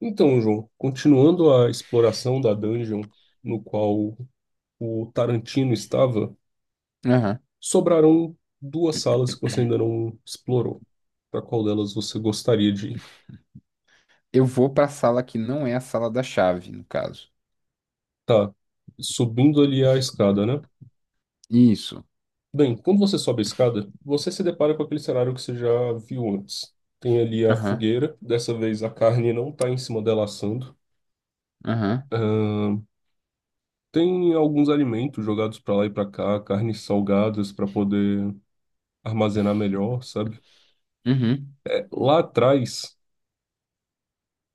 Então, João, continuando a exploração da dungeon no qual o Tarantino estava, Aham. sobraram duas salas que você ainda não explorou. Para qual delas você gostaria de ir? Eu vou pra sala que não é a sala da chave, no caso. Tá, subindo ali a escada, né? Isso. Bem, quando você sobe a escada, você se depara com aquele cenário que você já viu antes. Tem ali a Aham, fogueira, dessa vez a carne não está em cima dela assando. aham, Ahn, Tem alguns alimentos jogados para lá e para cá, carnes salgadas para poder armazenar melhor, sabe? uhum, É, lá atrás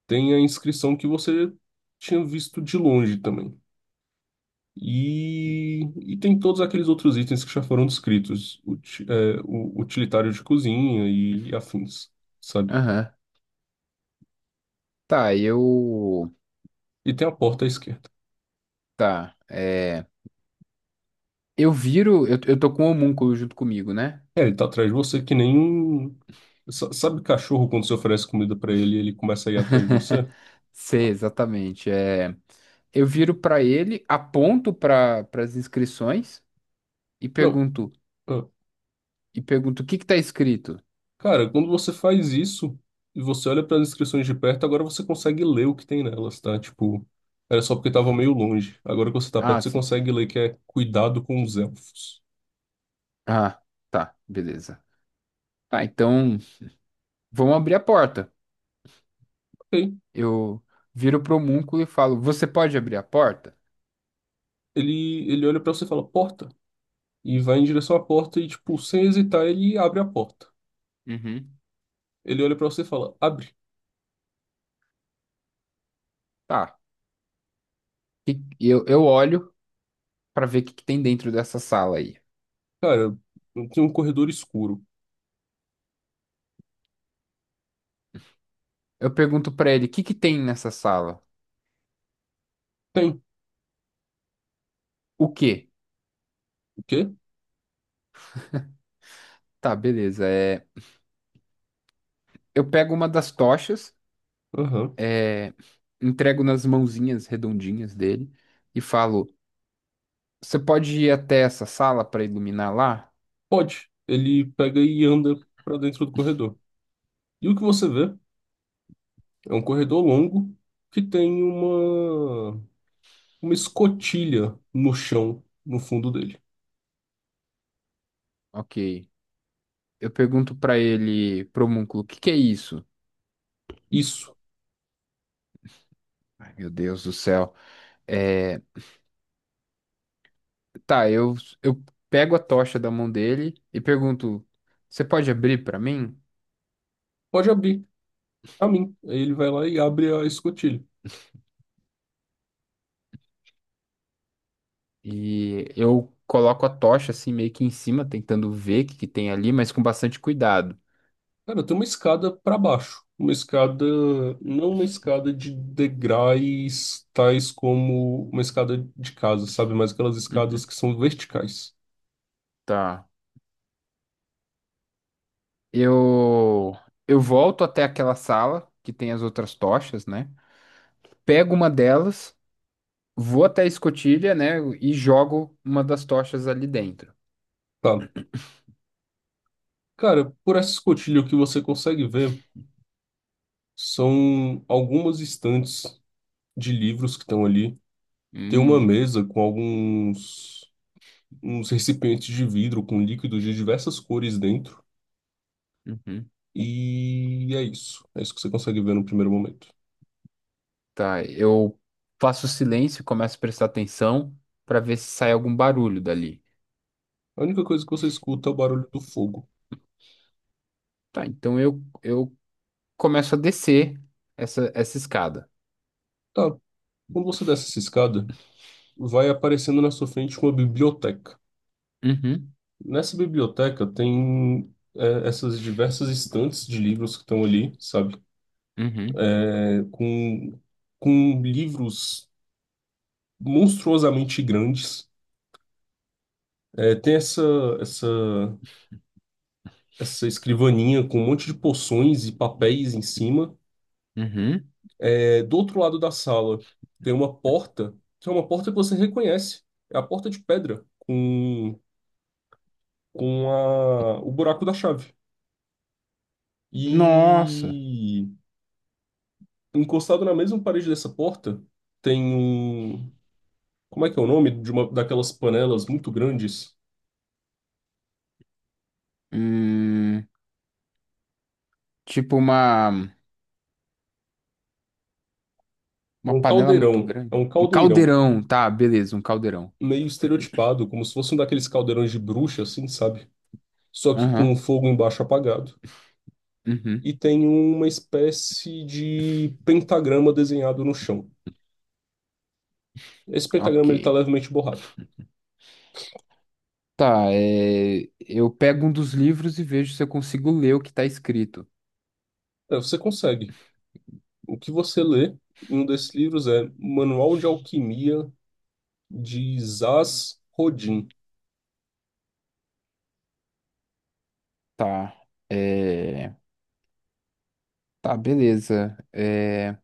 tem a inscrição que você tinha visto de longe também. E tem todos aqueles outros itens que já foram descritos, o utilitário de cozinha e afins, sabe? aham. Tá, eu. E tem a porta à esquerda. Tá, é. Eu viro. Eu tô com o homúnculo junto comigo, né? É, ele tá atrás de você que nem um. Sabe cachorro quando você oferece comida pra ele e ele começa a ir atrás de você? Sei, exatamente. É. Eu viro pra ele, aponto para as inscrições e pergunto. Não. E pergunto o que que tá escrito? Cara, quando você faz isso e você olha para as inscrições de perto, agora você consegue ler o que tem nelas, tá? Tipo, era só porque tava meio longe. Agora que você tá Ah, perto, você sim. consegue ler que é cuidado com os elfos. Ah, tá, beleza. Tá, então vamos abrir a porta. Ok. Eu viro pro homúnculo e falo: Você pode abrir a porta? Ele olha para você e fala porta. E vai em direção à porta e, tipo, sem hesitar, ele abre a porta. Uhum. Ele olha para você e fala abre. Tá. E eu olho pra ver o que que tem dentro dessa sala aí. Cara, tem um corredor escuro. Eu pergunto pra ele: O que que tem nessa sala? Tem. O quê? O quê? Tá, beleza. É, eu pego uma das tochas, Aham. é, entrego nas mãozinhas redondinhas dele e falo: Você pode ir até essa sala pra iluminar lá? Pode. Ele pega e anda para dentro do corredor. E o que você vê? É um corredor longo que tem uma escotilha no chão, no fundo dele. Ok. Eu pergunto pra ele, pro homúnculo: O que que é isso? Isso. Ai, meu Deus do céu. É. Tá, eu pego a tocha da mão dele e pergunto: Você pode abrir pra mim? Pode abrir. A mim. Aí ele vai lá e abre a escotilha. E eu coloco a tocha assim meio que em cima, tentando ver o que que tem ali, mas com bastante cuidado. Cara, tem uma escada para baixo. Uma escada, não uma escada de degraus, tais como uma escada de casa, sabe? Mas aquelas Uhum. escadas que são verticais. Tá. Eu, eu volto até aquela sala que tem as outras tochas, né? Pego uma delas, vou até a escotilha, né? E jogo uma das tochas ali dentro. Tá. Cara, por essa escotilha, o que você consegue ver são algumas estantes de livros que estão ali. Tem uma Hum. mesa com alguns uns recipientes de vidro com líquidos de diversas cores dentro. Uhum. E é isso. É isso que você consegue ver no primeiro momento. Tá, eu faço silêncio e começo a prestar atenção para ver se sai algum barulho dali. A única coisa que você escuta é o barulho do fogo. Tá, então eu começo a descer essa escada. Tá, quando você desce essa escada, vai aparecendo na sua frente uma biblioteca. Uhum, Nessa biblioteca tem essas diversas estantes de livros que estão ali, sabe? uhum, É, com livros monstruosamente grandes. É, tem essa essa escrivaninha com um monte de poções e papéis em cima. uhum. É, do outro lado da sala tem uma porta, que é uma porta que você reconhece. É a porta de pedra com o buraco da chave. Nossa, E encostado na mesma parede dessa porta tem um. Como é que é o nome de uma daquelas panelas muito grandes? hum, tipo É uma um panela muito caldeirão. grande. É um Um caldeirão caldeirão, tá, beleza, um caldeirão. meio estereotipado, como se fosse um daqueles caldeirões de bruxa, assim, sabe? Só que com o Aham, fogo embaixo apagado. uhum, E tem uma espécie de pentagrama desenhado no chão. Esse ok. pentagrama ele está levemente borrado. Tá, é, eu pego um dos livros e vejo se eu consigo ler o que tá escrito. É, você consegue. O que você lê em um desses livros é Manual de Alquimia de Zaz Rodin. Tá, é. Tá, beleza. É,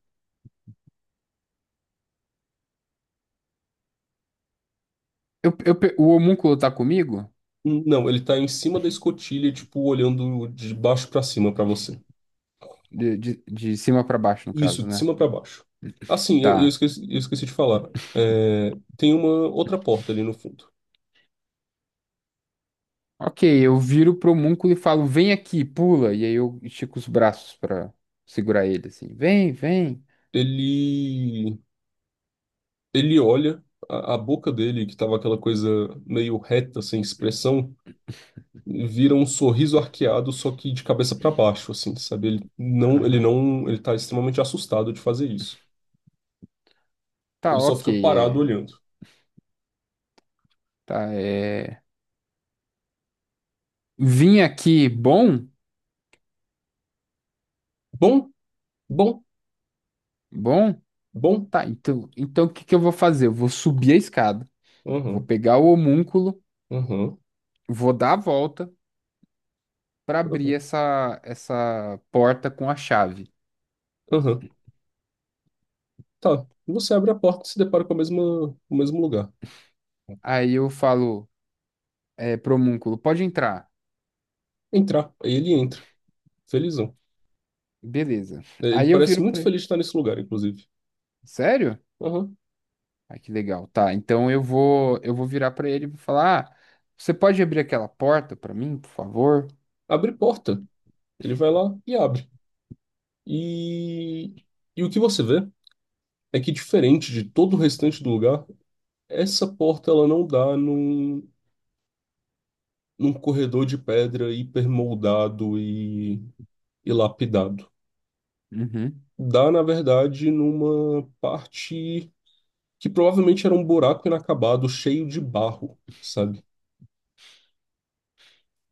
eu, o homúnculo tá comigo? Não, ele está em cima da escotilha, tipo, olhando de baixo para cima para você. De cima pra baixo, no Isso, caso, de né? cima para baixo. Assim, eu, eu Tá. esqueci, eu esqueci de falar. É, tem uma outra porta ali no fundo. Ok, eu viro pro homúnculo e falo, vem aqui, pula. E aí eu estico os braços pra segurar ele, assim. Vem, vem. Ele Ele olha, a boca dele, que tava aquela coisa meio reta, sem expressão, vira um sorriso arqueado, só que de cabeça para baixo, assim, sabe? Ele não, ele Aham. não, ele tá extremamente assustado de fazer isso. Tá, Ele só ok, fica parado é. olhando. Tá, é. Vim aqui, bom? Bom, bom, Bom? bom. Tá, então, então o que que eu vou fazer? Eu vou subir a escada, vou Aham, pegar o homúnculo, aham, vou dar a volta pra abrir aham, essa porta com a chave. aham. Tá. Você abre a porta e se depara com o mesmo lugar. Aí eu falo, é, homúnculo, pode entrar. Entrar. Aí ele entra, felizão. Beleza. É, ele Aí eu parece viro muito pra ele. feliz de estar nesse lugar, inclusive. Sério? Aham. Ah, que legal. Tá, então eu vou virar pra ele e vou falar, ah, você pode abrir aquela porta pra mim, por favor? Abre porta. Ele vai lá e abre. E, e o que você vê é que, diferente de todo o restante do lugar, essa porta ela não dá num corredor de pedra hipermoldado e lapidado. Uhum. Dá, na verdade, numa parte que provavelmente era um buraco inacabado, cheio de barro, sabe?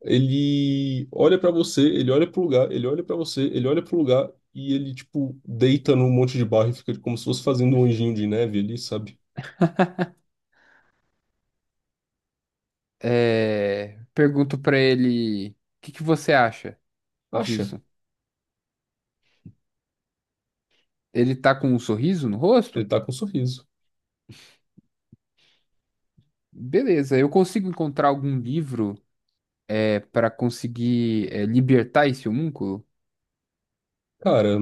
Ele olha pra você, ele olha pro lugar, ele olha pra você, ele olha pro lugar e ele, tipo, deita num monte de barro e fica como se fosse fazendo um anjinho de neve ali, sabe? É, pergunto pra ele, o que que você acha Acha? disso? Ele tá com um sorriso no Ele rosto? tá com um sorriso. Beleza, eu consigo encontrar algum livro é, para conseguir é, libertar esse homúnculo? Cara,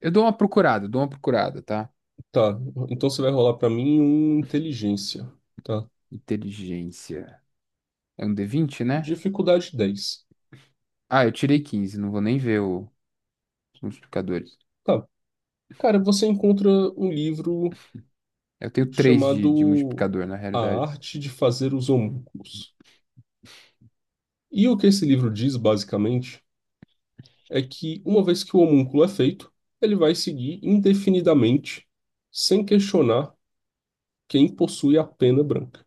Eu dou uma procurada, tá? tá. Então você vai rolar pra mim um inteligência, tá? Inteligência. É um D20, né? Dificuldade dez. Ah, eu tirei 15, não vou nem ver os multiplicadores. Tá. Cara, você encontra um livro Eu tenho 3 de chamado multiplicador, na A realidade. Arte de Fazer os Homúnculos. E o que esse livro diz, basicamente, é que uma vez que o homúnculo é feito, ele vai seguir indefinidamente, sem questionar quem possui a pena branca.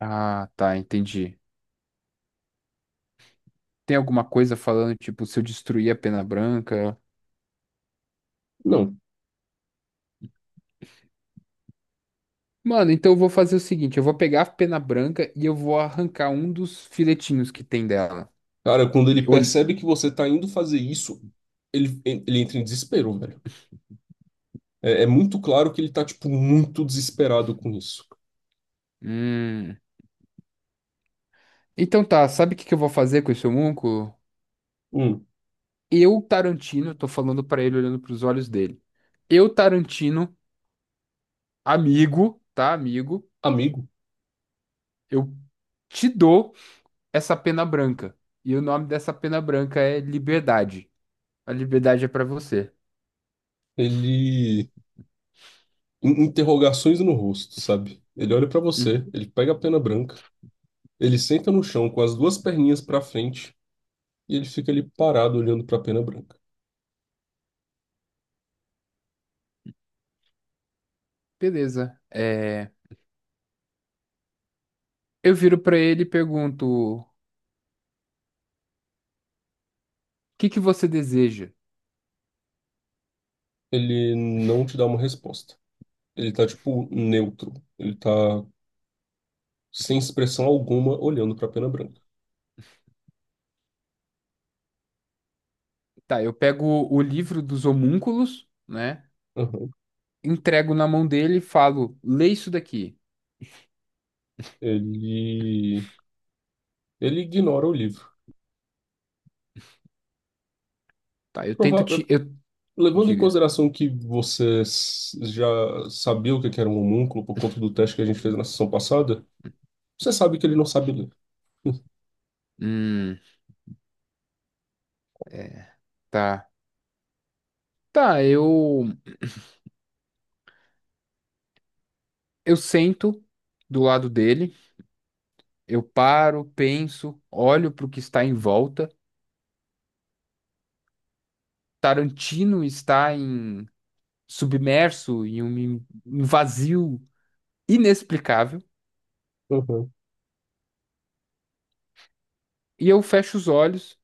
Ah, tá, entendi. Tem alguma coisa falando, tipo, se eu destruir a pena branca? Não. Mano, então eu vou fazer o seguinte, eu vou pegar a pena branca e eu vou arrancar um dos filetinhos que tem dela. Cara, quando ele E olh- percebe que você tá indo fazer isso, ele entra em desespero, velho. É muito claro que ele tá, tipo, muito desesperado com isso. Hum. Então tá, sabe o que que eu vou fazer com esse homúnculo? Um Eu, Tarantino, tô falando pra ele olhando pros olhos dele. Eu, Tarantino, amigo, tá, amigo, amigo, eu te dou essa pena branca. E o nome dessa pena branca é liberdade. A liberdade é pra você. ele. Interrogações no rosto, sabe? Ele olha pra Uhum. você, ele pega a pena branca, ele senta no chão com as duas perninhas pra frente e ele fica ali parado olhando pra pena branca. Beleza. É, eu viro pra ele e pergunto: o que que você deseja? Ele não te dá uma resposta. Ele tá, tipo, neutro. Ele tá sem expressão alguma olhando pra pena branca. Tá, eu pego o livro dos homúnculos, né? Aham. Entrego na mão dele e falo: lê isso daqui. Ele. Ele ignora o livro. Tá, eu tento te. Prova- Eu... Levando em Diga. consideração que você já sabia o que que era um homúnculo por conta do teste que a gente fez na sessão passada, você sabe que ele não sabe ler. Hum, é, tá. Tá, eu. Eu sento do lado dele, eu paro, penso, olho pro que está em volta. Tarantino está em submerso em um um vazio inexplicável, Uhum. e eu fecho os olhos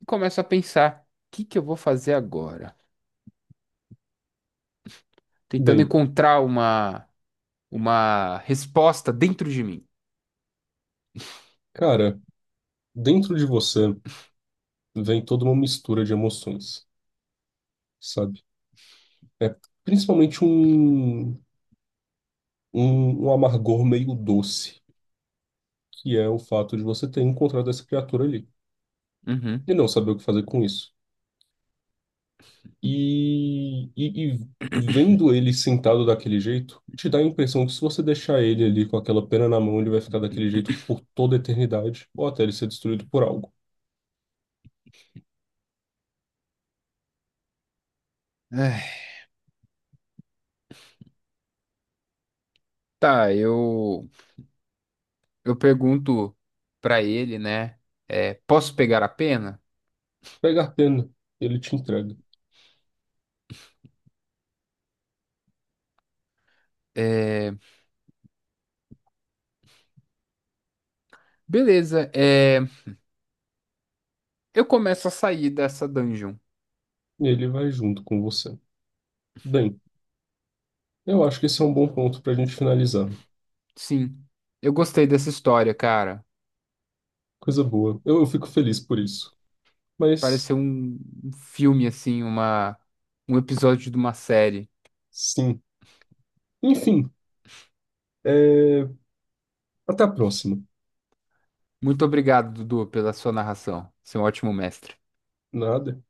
e começo a pensar: o que que eu vou fazer agora? Tentando Bem, encontrar uma resposta dentro de mim. cara, dentro de você vem toda uma mistura de emoções, sabe? É principalmente um amargor meio doce, que é o fato de você ter encontrado essa criatura ali Uhum. e não saber o que fazer com isso. E vendo ele sentado daquele jeito, te dá a impressão que se você deixar ele ali com aquela pena na mão, ele vai ficar daquele jeito por toda a eternidade, ou até ele ser destruído por algo. É, tá, eu pergunto pra ele, né? É, posso pegar a pena? Pega a pena, ele te entrega, É, beleza, é, eu começo a sair dessa dungeon. e ele vai junto com você. Bem, eu acho que esse é um bom ponto para a gente finalizar. Sim, eu gostei dessa história, cara. Coisa boa. Eu fico feliz por isso. Mas, Pareceu um um filme, assim, uma, um episódio de uma série. sim. Enfim, é, até a próxima. Muito obrigado, Dudu, pela sua narração. Você é um ótimo mestre. Nada.